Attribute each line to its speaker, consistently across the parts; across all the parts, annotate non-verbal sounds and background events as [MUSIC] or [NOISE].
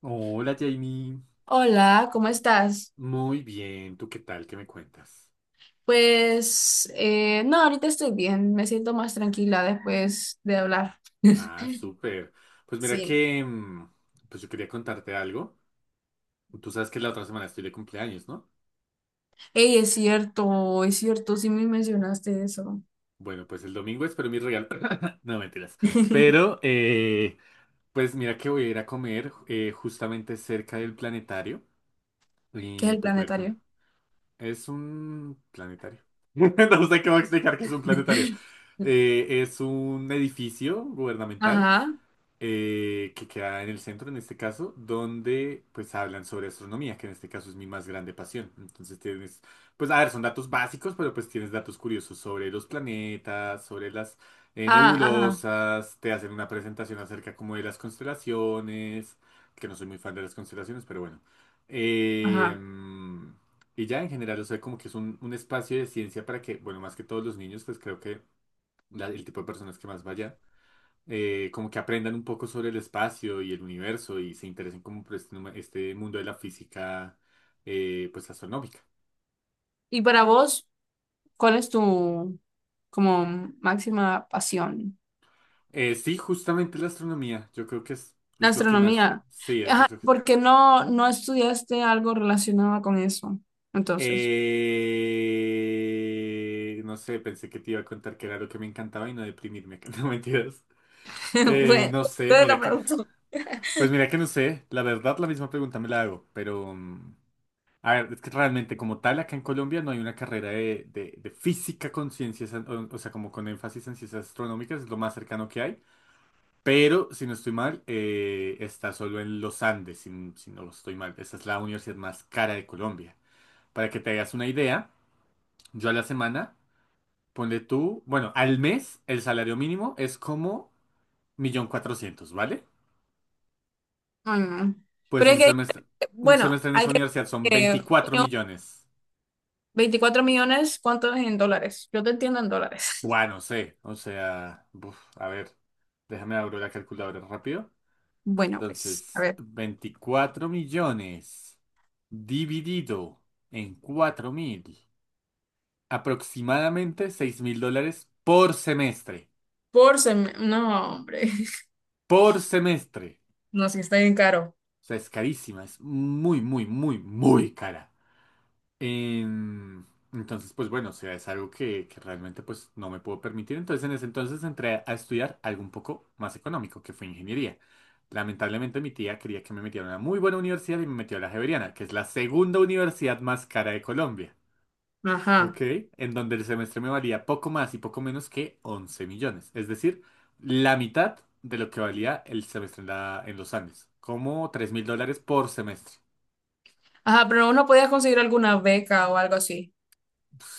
Speaker 1: Hola Jamie,
Speaker 2: Hola, ¿cómo estás?
Speaker 1: muy bien, ¿tú qué tal? ¿Qué me cuentas?
Speaker 2: Pues no, ahorita estoy bien, me siento más tranquila después de hablar.
Speaker 1: Ah,
Speaker 2: [LAUGHS]
Speaker 1: súper. Pues mira
Speaker 2: Sí.
Speaker 1: que, pues yo quería contarte algo. Tú sabes que la otra semana estoy de cumpleaños, ¿no?
Speaker 2: Ey, es cierto, sí me mencionaste eso.
Speaker 1: Bueno, pues el domingo espero mi regalo. [LAUGHS] No, mentiras.
Speaker 2: [LAUGHS] ¿Qué
Speaker 1: Pero, pues mira que voy a ir a comer justamente cerca del planetario.
Speaker 2: es
Speaker 1: Y
Speaker 2: el
Speaker 1: pues voy a ir con...
Speaker 2: planetario?
Speaker 1: Es un planetario. [LAUGHS] No sé cómo explicar que es un planetario.
Speaker 2: [LAUGHS]
Speaker 1: Es un edificio gubernamental
Speaker 2: Ajá,
Speaker 1: que queda en el centro en este caso, donde pues hablan sobre astronomía, que en este caso es mi más grande pasión. Entonces tienes, pues a ver, son datos básicos, pero pues tienes datos curiosos sobre los planetas, sobre las
Speaker 2: ah, ajá,
Speaker 1: nebulosas, te hacen una presentación acerca como de las constelaciones, que no soy muy fan de las constelaciones, pero bueno. Eh,
Speaker 2: ajá.
Speaker 1: mm, y ya en general, o sea, como que es un espacio de ciencia para que, bueno, más que todos los niños, pues creo que el tipo de personas que más vaya como que aprendan un poco sobre el espacio y el universo y se interesen como por este mundo de la física, pues astronómica.
Speaker 2: Y para vos, ¿cuál es tu como máxima pasión?
Speaker 1: Sí, justamente la astronomía, yo creo que es,
Speaker 2: La
Speaker 1: es lo que más,
Speaker 2: astronomía.
Speaker 1: sí, yo
Speaker 2: Ajá,
Speaker 1: creo que...
Speaker 2: porque no estudiaste algo relacionado con eso, entonces.
Speaker 1: No sé, pensé que te iba a contar que era lo que me encantaba y no deprimirme, [LAUGHS] no mentiras.
Speaker 2: [LAUGHS] Bueno,
Speaker 1: No sé,
Speaker 2: entonces
Speaker 1: mira
Speaker 2: la
Speaker 1: que,
Speaker 2: pregunto.
Speaker 1: pues mira que no sé, la verdad la misma pregunta me la hago, pero... a ver, es que realmente como tal acá en Colombia no hay una carrera de física con ciencias, o sea, como con énfasis en ciencias astronómicas, es lo más cercano que hay, pero si no estoy mal, está solo en los Andes, si no estoy mal. Esa es la universidad más cara de Colombia. Para que te hagas una idea, yo a la semana, ponle tú, bueno, al mes el salario mínimo es como 1.400.000, ¿vale?
Speaker 2: Ay, no.
Speaker 1: Pues
Speaker 2: Pero es
Speaker 1: un
Speaker 2: que,
Speaker 1: semestre, un
Speaker 2: bueno,
Speaker 1: semestre en
Speaker 2: hay
Speaker 1: esa
Speaker 2: que...
Speaker 1: universidad son 24
Speaker 2: junio,
Speaker 1: millones.
Speaker 2: 24 millones, ¿cuánto es en dólares? Yo te entiendo en dólares.
Speaker 1: Bueno,
Speaker 2: [LAUGHS]
Speaker 1: no sé, o sea, uf, a ver, déjame abrir la calculadora rápido.
Speaker 2: Bueno, pues, a
Speaker 1: Entonces,
Speaker 2: ver.
Speaker 1: 24 millones dividido en 4.000, aproximadamente 6.000 dólares por semestre,
Speaker 2: Por semestre. No, hombre. [LAUGHS]
Speaker 1: por semestre.
Speaker 2: No, sí, está bien caro.
Speaker 1: O sea, es carísima, es muy, muy, muy, muy cara. Em, entonces, pues bueno, o sea, es algo que realmente pues no me puedo permitir. Entonces, en ese entonces entré a estudiar algo un poco más económico, que fue ingeniería. Lamentablemente mi tía quería que me metiera a una muy buena universidad y me metió a la Javeriana, que es la segunda universidad más cara de Colombia, ¿ok?
Speaker 2: Ajá.
Speaker 1: En donde el semestre me valía poco más y poco menos que 11 millones, es decir, la mitad de lo que valía el semestre en, en los Andes, como 3.000 dólares por semestre.
Speaker 2: Ajá, pero uno podía conseguir alguna beca o algo así.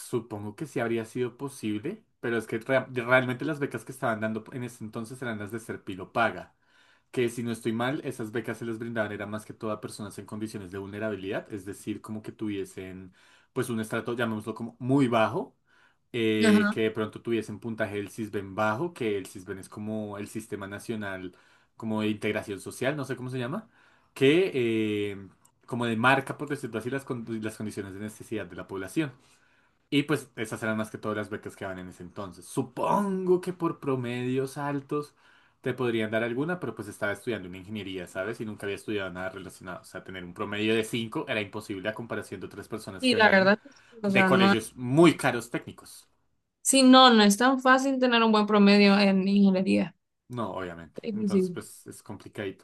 Speaker 1: Supongo que sí habría sido posible, pero es que realmente las becas que estaban dando en ese entonces eran las de ser paga, que si no estoy mal, esas becas se les brindaban era más que todo a personas en condiciones de vulnerabilidad, es decir, como que tuviesen pues un estrato, llamémoslo como muy bajo,
Speaker 2: Ajá.
Speaker 1: que de pronto tuviesen puntaje del Sisbén bajo, que el Sisbén es como el Sistema Nacional como de Integración Social, no sé cómo se llama, que como demarca, por decirlo así, las condiciones de necesidad de la población. Y pues esas eran más que todas las becas que daban en ese entonces. Supongo que por promedios altos te podrían dar alguna, pero pues estaba estudiando una ingeniería, ¿sabes? Y nunca había estudiado nada relacionado. O sea, tener un promedio de 5 era imposible a comparación de otras personas que
Speaker 2: Y la
Speaker 1: venían
Speaker 2: verdad, que sí, o
Speaker 1: de
Speaker 2: sea, no.
Speaker 1: colegios muy caros técnicos.
Speaker 2: Sí, no, es tan fácil tener un buen promedio en ingeniería.
Speaker 1: No, obviamente.
Speaker 2: Es
Speaker 1: Entonces,
Speaker 2: difícil.
Speaker 1: pues es complicado.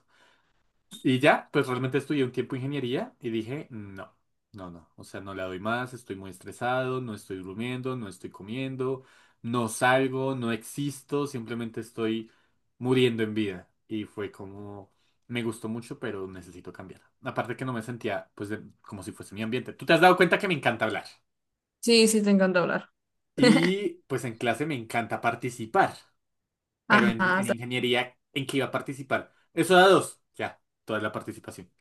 Speaker 1: Y ya, pues realmente estudié un tiempo ingeniería y dije, no, no, no, o sea, no le doy más, estoy muy estresado, no estoy durmiendo, no estoy comiendo, no salgo, no existo, simplemente estoy muriendo en vida. Y fue como, me gustó mucho, pero necesito cambiar. Aparte que no me sentía, pues, como si fuese mi ambiente. Tú te has dado cuenta que me encanta hablar
Speaker 2: Sí, sí, te encanta hablar.
Speaker 1: y pues en clase me encanta participar, pero en,
Speaker 2: Ajá.
Speaker 1: en
Speaker 2: ta-
Speaker 1: ingeniería, ¿en qué iba a participar? Eso da dos, ya, toda la participación.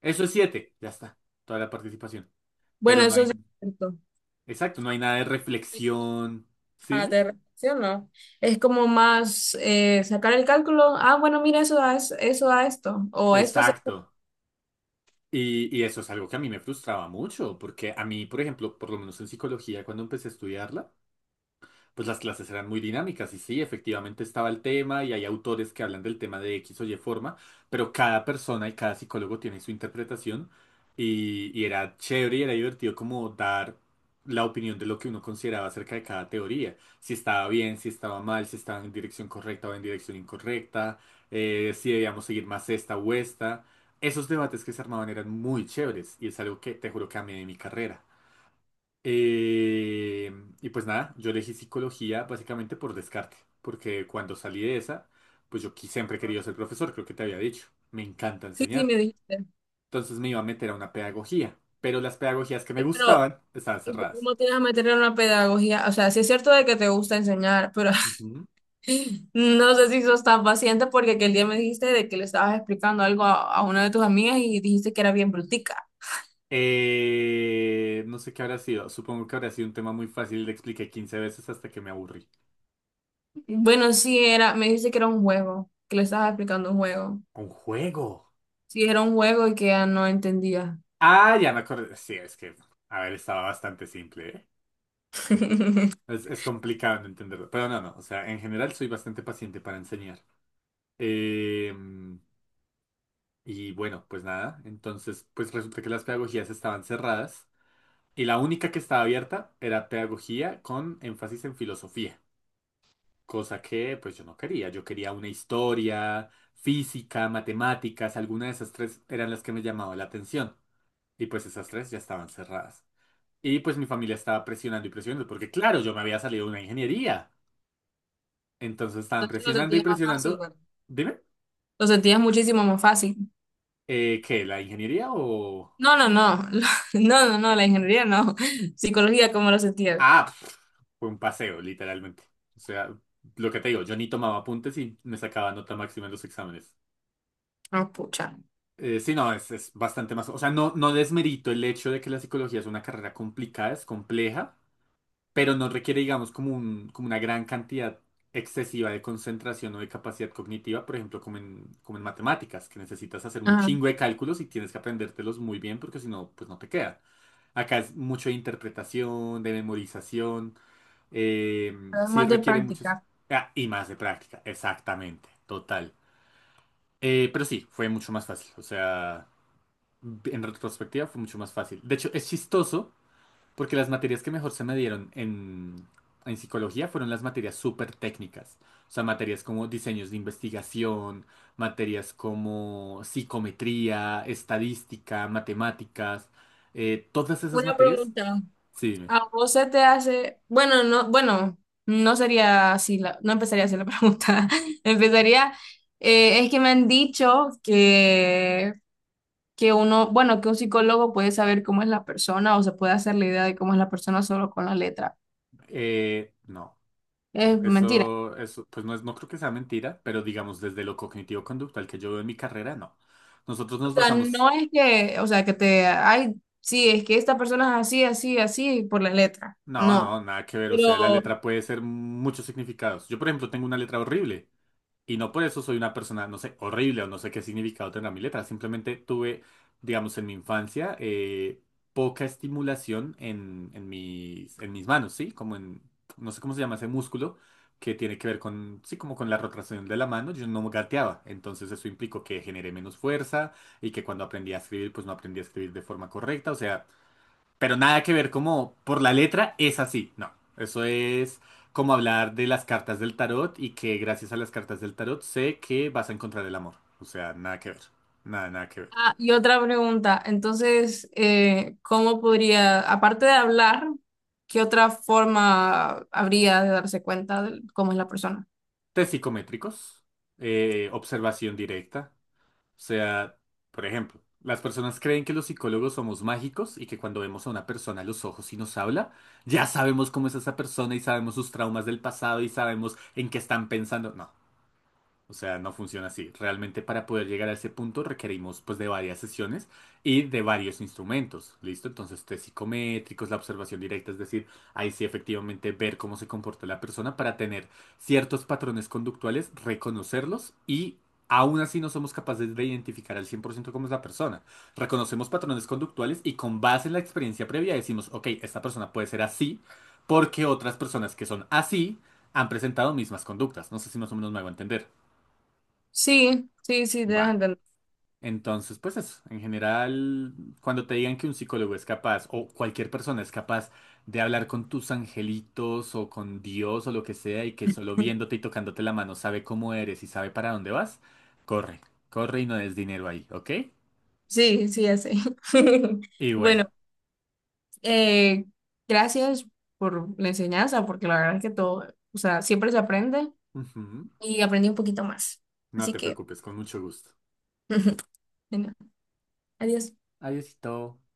Speaker 1: Eso es siete, ya está, toda la participación.
Speaker 2: Bueno,
Speaker 1: Pero no
Speaker 2: eso
Speaker 1: hay,
Speaker 2: sí es cierto.
Speaker 1: exacto, no hay nada de reflexión.
Speaker 2: Ah,
Speaker 1: ¿Cine?
Speaker 2: te relaciono. Es como más sacar el cálculo. Ah, bueno, mira, eso da, eso da esto. O esto se... [LAUGHS]
Speaker 1: Exacto. Y eso es algo que a mí me frustraba mucho, porque a mí, por ejemplo, por lo menos en psicología, cuando empecé a estudiarla, pues las clases eran muy dinámicas y sí, efectivamente estaba el tema y hay autores que hablan del tema de X o Y forma, pero cada persona y cada psicólogo tiene su interpretación y era chévere y era divertido como dar la opinión de lo que uno consideraba acerca de cada teoría, si estaba bien, si estaba mal, si estaba en dirección correcta o en dirección incorrecta, si debíamos seguir más esta o esta. Esos debates que se armaban eran muy chéveres y es algo que te juro que amé de mi carrera. Eh, y pues nada, yo elegí psicología básicamente por descarte, porque cuando salí de esa, pues siempre he querido ser profesor, creo que te había dicho, me encanta
Speaker 2: Sí, sí,
Speaker 1: enseñar.
Speaker 2: me dijiste.
Speaker 1: Entonces me iba a meter a una pedagogía, pero las pedagogías que me
Speaker 2: Pero,
Speaker 1: gustaban estaban cerradas.
Speaker 2: ¿cómo tienes a meter en una pedagogía? O sea, sí es cierto de que te gusta enseñar, pero
Speaker 1: Ujú.
Speaker 2: [LAUGHS] no sé si sos tan paciente porque aquel día me dijiste de que le estabas explicando algo a una de tus amigas y dijiste que era bien brutica.
Speaker 1: No sé qué habrá sido, supongo que habrá sido un tema muy fácil, le expliqué 15 veces hasta que me aburrí.
Speaker 2: Bueno, sí era, me dijiste que era un juego, que le estabas explicando un juego.
Speaker 1: Un juego.
Speaker 2: Sí, era un juego y que ya no entendía.
Speaker 1: Ah, ya me acordé. Sí, es que, a ver, estaba bastante simple, ¿eh?
Speaker 2: [LAUGHS] Entonces
Speaker 1: Es complicado de entenderlo, pero no, no, o sea, en general soy bastante paciente para enseñar. Em, y bueno, pues nada, entonces pues resulta que las pedagogías estaban cerradas y la única que estaba abierta era pedagogía con énfasis en filosofía, cosa que pues yo no quería, yo quería una historia, física, matemáticas, alguna de esas tres eran las que me llamaba la atención y pues esas tres ya estaban cerradas. Y pues mi familia estaba presionando y presionando porque claro, yo me había salido de una ingeniería. Entonces estaban
Speaker 2: lo
Speaker 1: presionando y
Speaker 2: sentía más fácil,
Speaker 1: presionando.
Speaker 2: ¿verdad?
Speaker 1: Dime,
Speaker 2: Lo sentías muchísimo más fácil.
Speaker 1: ¿qué? ¿La ingeniería o...?
Speaker 2: No, no, no, [LAUGHS] no, no, no, la ingeniería no. [LAUGHS] Psicología, ¿cómo lo sentías?
Speaker 1: Ah, fue un paseo, literalmente. O sea, lo que te digo, yo ni tomaba apuntes y me sacaba nota máxima en los exámenes.
Speaker 2: Ah, pucha.
Speaker 1: Sí, no, es bastante más... O sea, no, no desmerito el hecho de que la psicología es una carrera complicada, es compleja. Pero no requiere, digamos, como como una gran cantidad excesiva de concentración o de capacidad cognitiva, por ejemplo, como en matemáticas, que necesitas hacer un
Speaker 2: Ajá,
Speaker 1: chingo de cálculos y tienes que aprendértelos muy bien porque si no, pues no te queda. Acá es mucho de interpretación, de memorización, eh, sí
Speaker 2: además de
Speaker 1: requiere muchos...
Speaker 2: practicar.
Speaker 1: Ah, y más de práctica, exactamente, total. Pero sí, fue mucho más fácil, o sea, en retrospectiva fue mucho más fácil. De hecho, es chistoso porque las materias que mejor se me dieron en, psicología fueron las materias súper técnicas. O sea, materias como diseños de investigación, materias como psicometría, estadística, matemáticas. Todas esas
Speaker 2: Una
Speaker 1: materias,
Speaker 2: pregunta.
Speaker 1: sí, dime.
Speaker 2: ¿A vos se te hace, no sería así, no empezaría así la [LAUGHS] pregunta. Empezaría, es que me han dicho que uno, bueno, que un psicólogo puede saber cómo es la persona o se puede hacer la idea de cómo es la persona solo con la letra.
Speaker 1: No,
Speaker 2: Es mentira.
Speaker 1: pues no es, no creo que sea mentira, pero digamos desde lo cognitivo-conductual que yo veo en mi carrera, no. Nosotros
Speaker 2: O
Speaker 1: nos
Speaker 2: sea, no
Speaker 1: basamos,
Speaker 2: es que, o sea, que te, ay, sí, es que esta persona es así, así, así, por la letra.
Speaker 1: no,
Speaker 2: No.
Speaker 1: no, nada que ver. O sea, la
Speaker 2: Pero,
Speaker 1: letra puede ser muchos significados. Yo, por ejemplo, tengo una letra horrible. Y no por eso soy una persona, no sé, horrible o no sé qué significado tendrá mi letra. Simplemente tuve, digamos, en mi infancia, poca estimulación en mis manos, ¿sí? No sé cómo se llama ese músculo que tiene que ver con, sí, como con la rotación de la mano. Yo no gateaba. Entonces eso implicó que generé menos fuerza y que cuando aprendí a escribir, pues no aprendí a escribir de forma correcta. O sea, pero nada que ver como por la letra es así, no. Eso es como hablar de las cartas del tarot y que gracias a las cartas del tarot sé que vas a encontrar el amor. O sea, nada que ver. Nada, nada que ver.
Speaker 2: ah, y otra pregunta, entonces, ¿cómo podría, aparte de hablar, qué otra forma habría de darse cuenta de cómo es la persona?
Speaker 1: Test psicométricos, observación directa. O sea, por ejemplo, las personas creen que los psicólogos somos mágicos y que cuando vemos a una persona a los ojos y nos habla, ya sabemos cómo es esa persona y sabemos sus traumas del pasado y sabemos en qué están pensando. No. O sea, no funciona así. Realmente para poder llegar a ese punto requerimos pues de varias sesiones y de varios instrumentos. ¿Listo? Entonces, test psicométricos, la observación directa, es decir, ahí sí efectivamente ver cómo se comporta la persona para tener ciertos patrones conductuales, reconocerlos y aún así no somos capaces de identificar al 100% cómo es la persona. Reconocemos patrones conductuales y con base en la experiencia previa decimos, ok, esta persona puede ser así porque otras personas que son así han presentado mismas conductas. No sé si más o menos me hago entender.
Speaker 2: Sí, sí, sí, te das a
Speaker 1: Va.
Speaker 2: entender.
Speaker 1: Entonces, pues eso, en general, cuando te digan que un psicólogo es capaz o cualquier persona es capaz de hablar con tus angelitos o con Dios o lo que sea y que solo viéndote
Speaker 2: [LAUGHS]
Speaker 1: y tocándote la mano sabe cómo eres y sabe para dónde vas, corre, corre y no des dinero ahí, ¿ok?
Speaker 2: Sí, sí, ya sé. [LAUGHS]
Speaker 1: Y
Speaker 2: Bueno,
Speaker 1: bueno,
Speaker 2: eh, gracias por la enseñanza, porque la verdad es que todo, o sea, siempre se aprende
Speaker 1: ujú,
Speaker 2: y aprendí un poquito más.
Speaker 1: no
Speaker 2: Así
Speaker 1: te
Speaker 2: que,
Speaker 1: preocupes, con mucho gusto.
Speaker 2: [LAUGHS] bueno, adiós.
Speaker 1: Adiósito.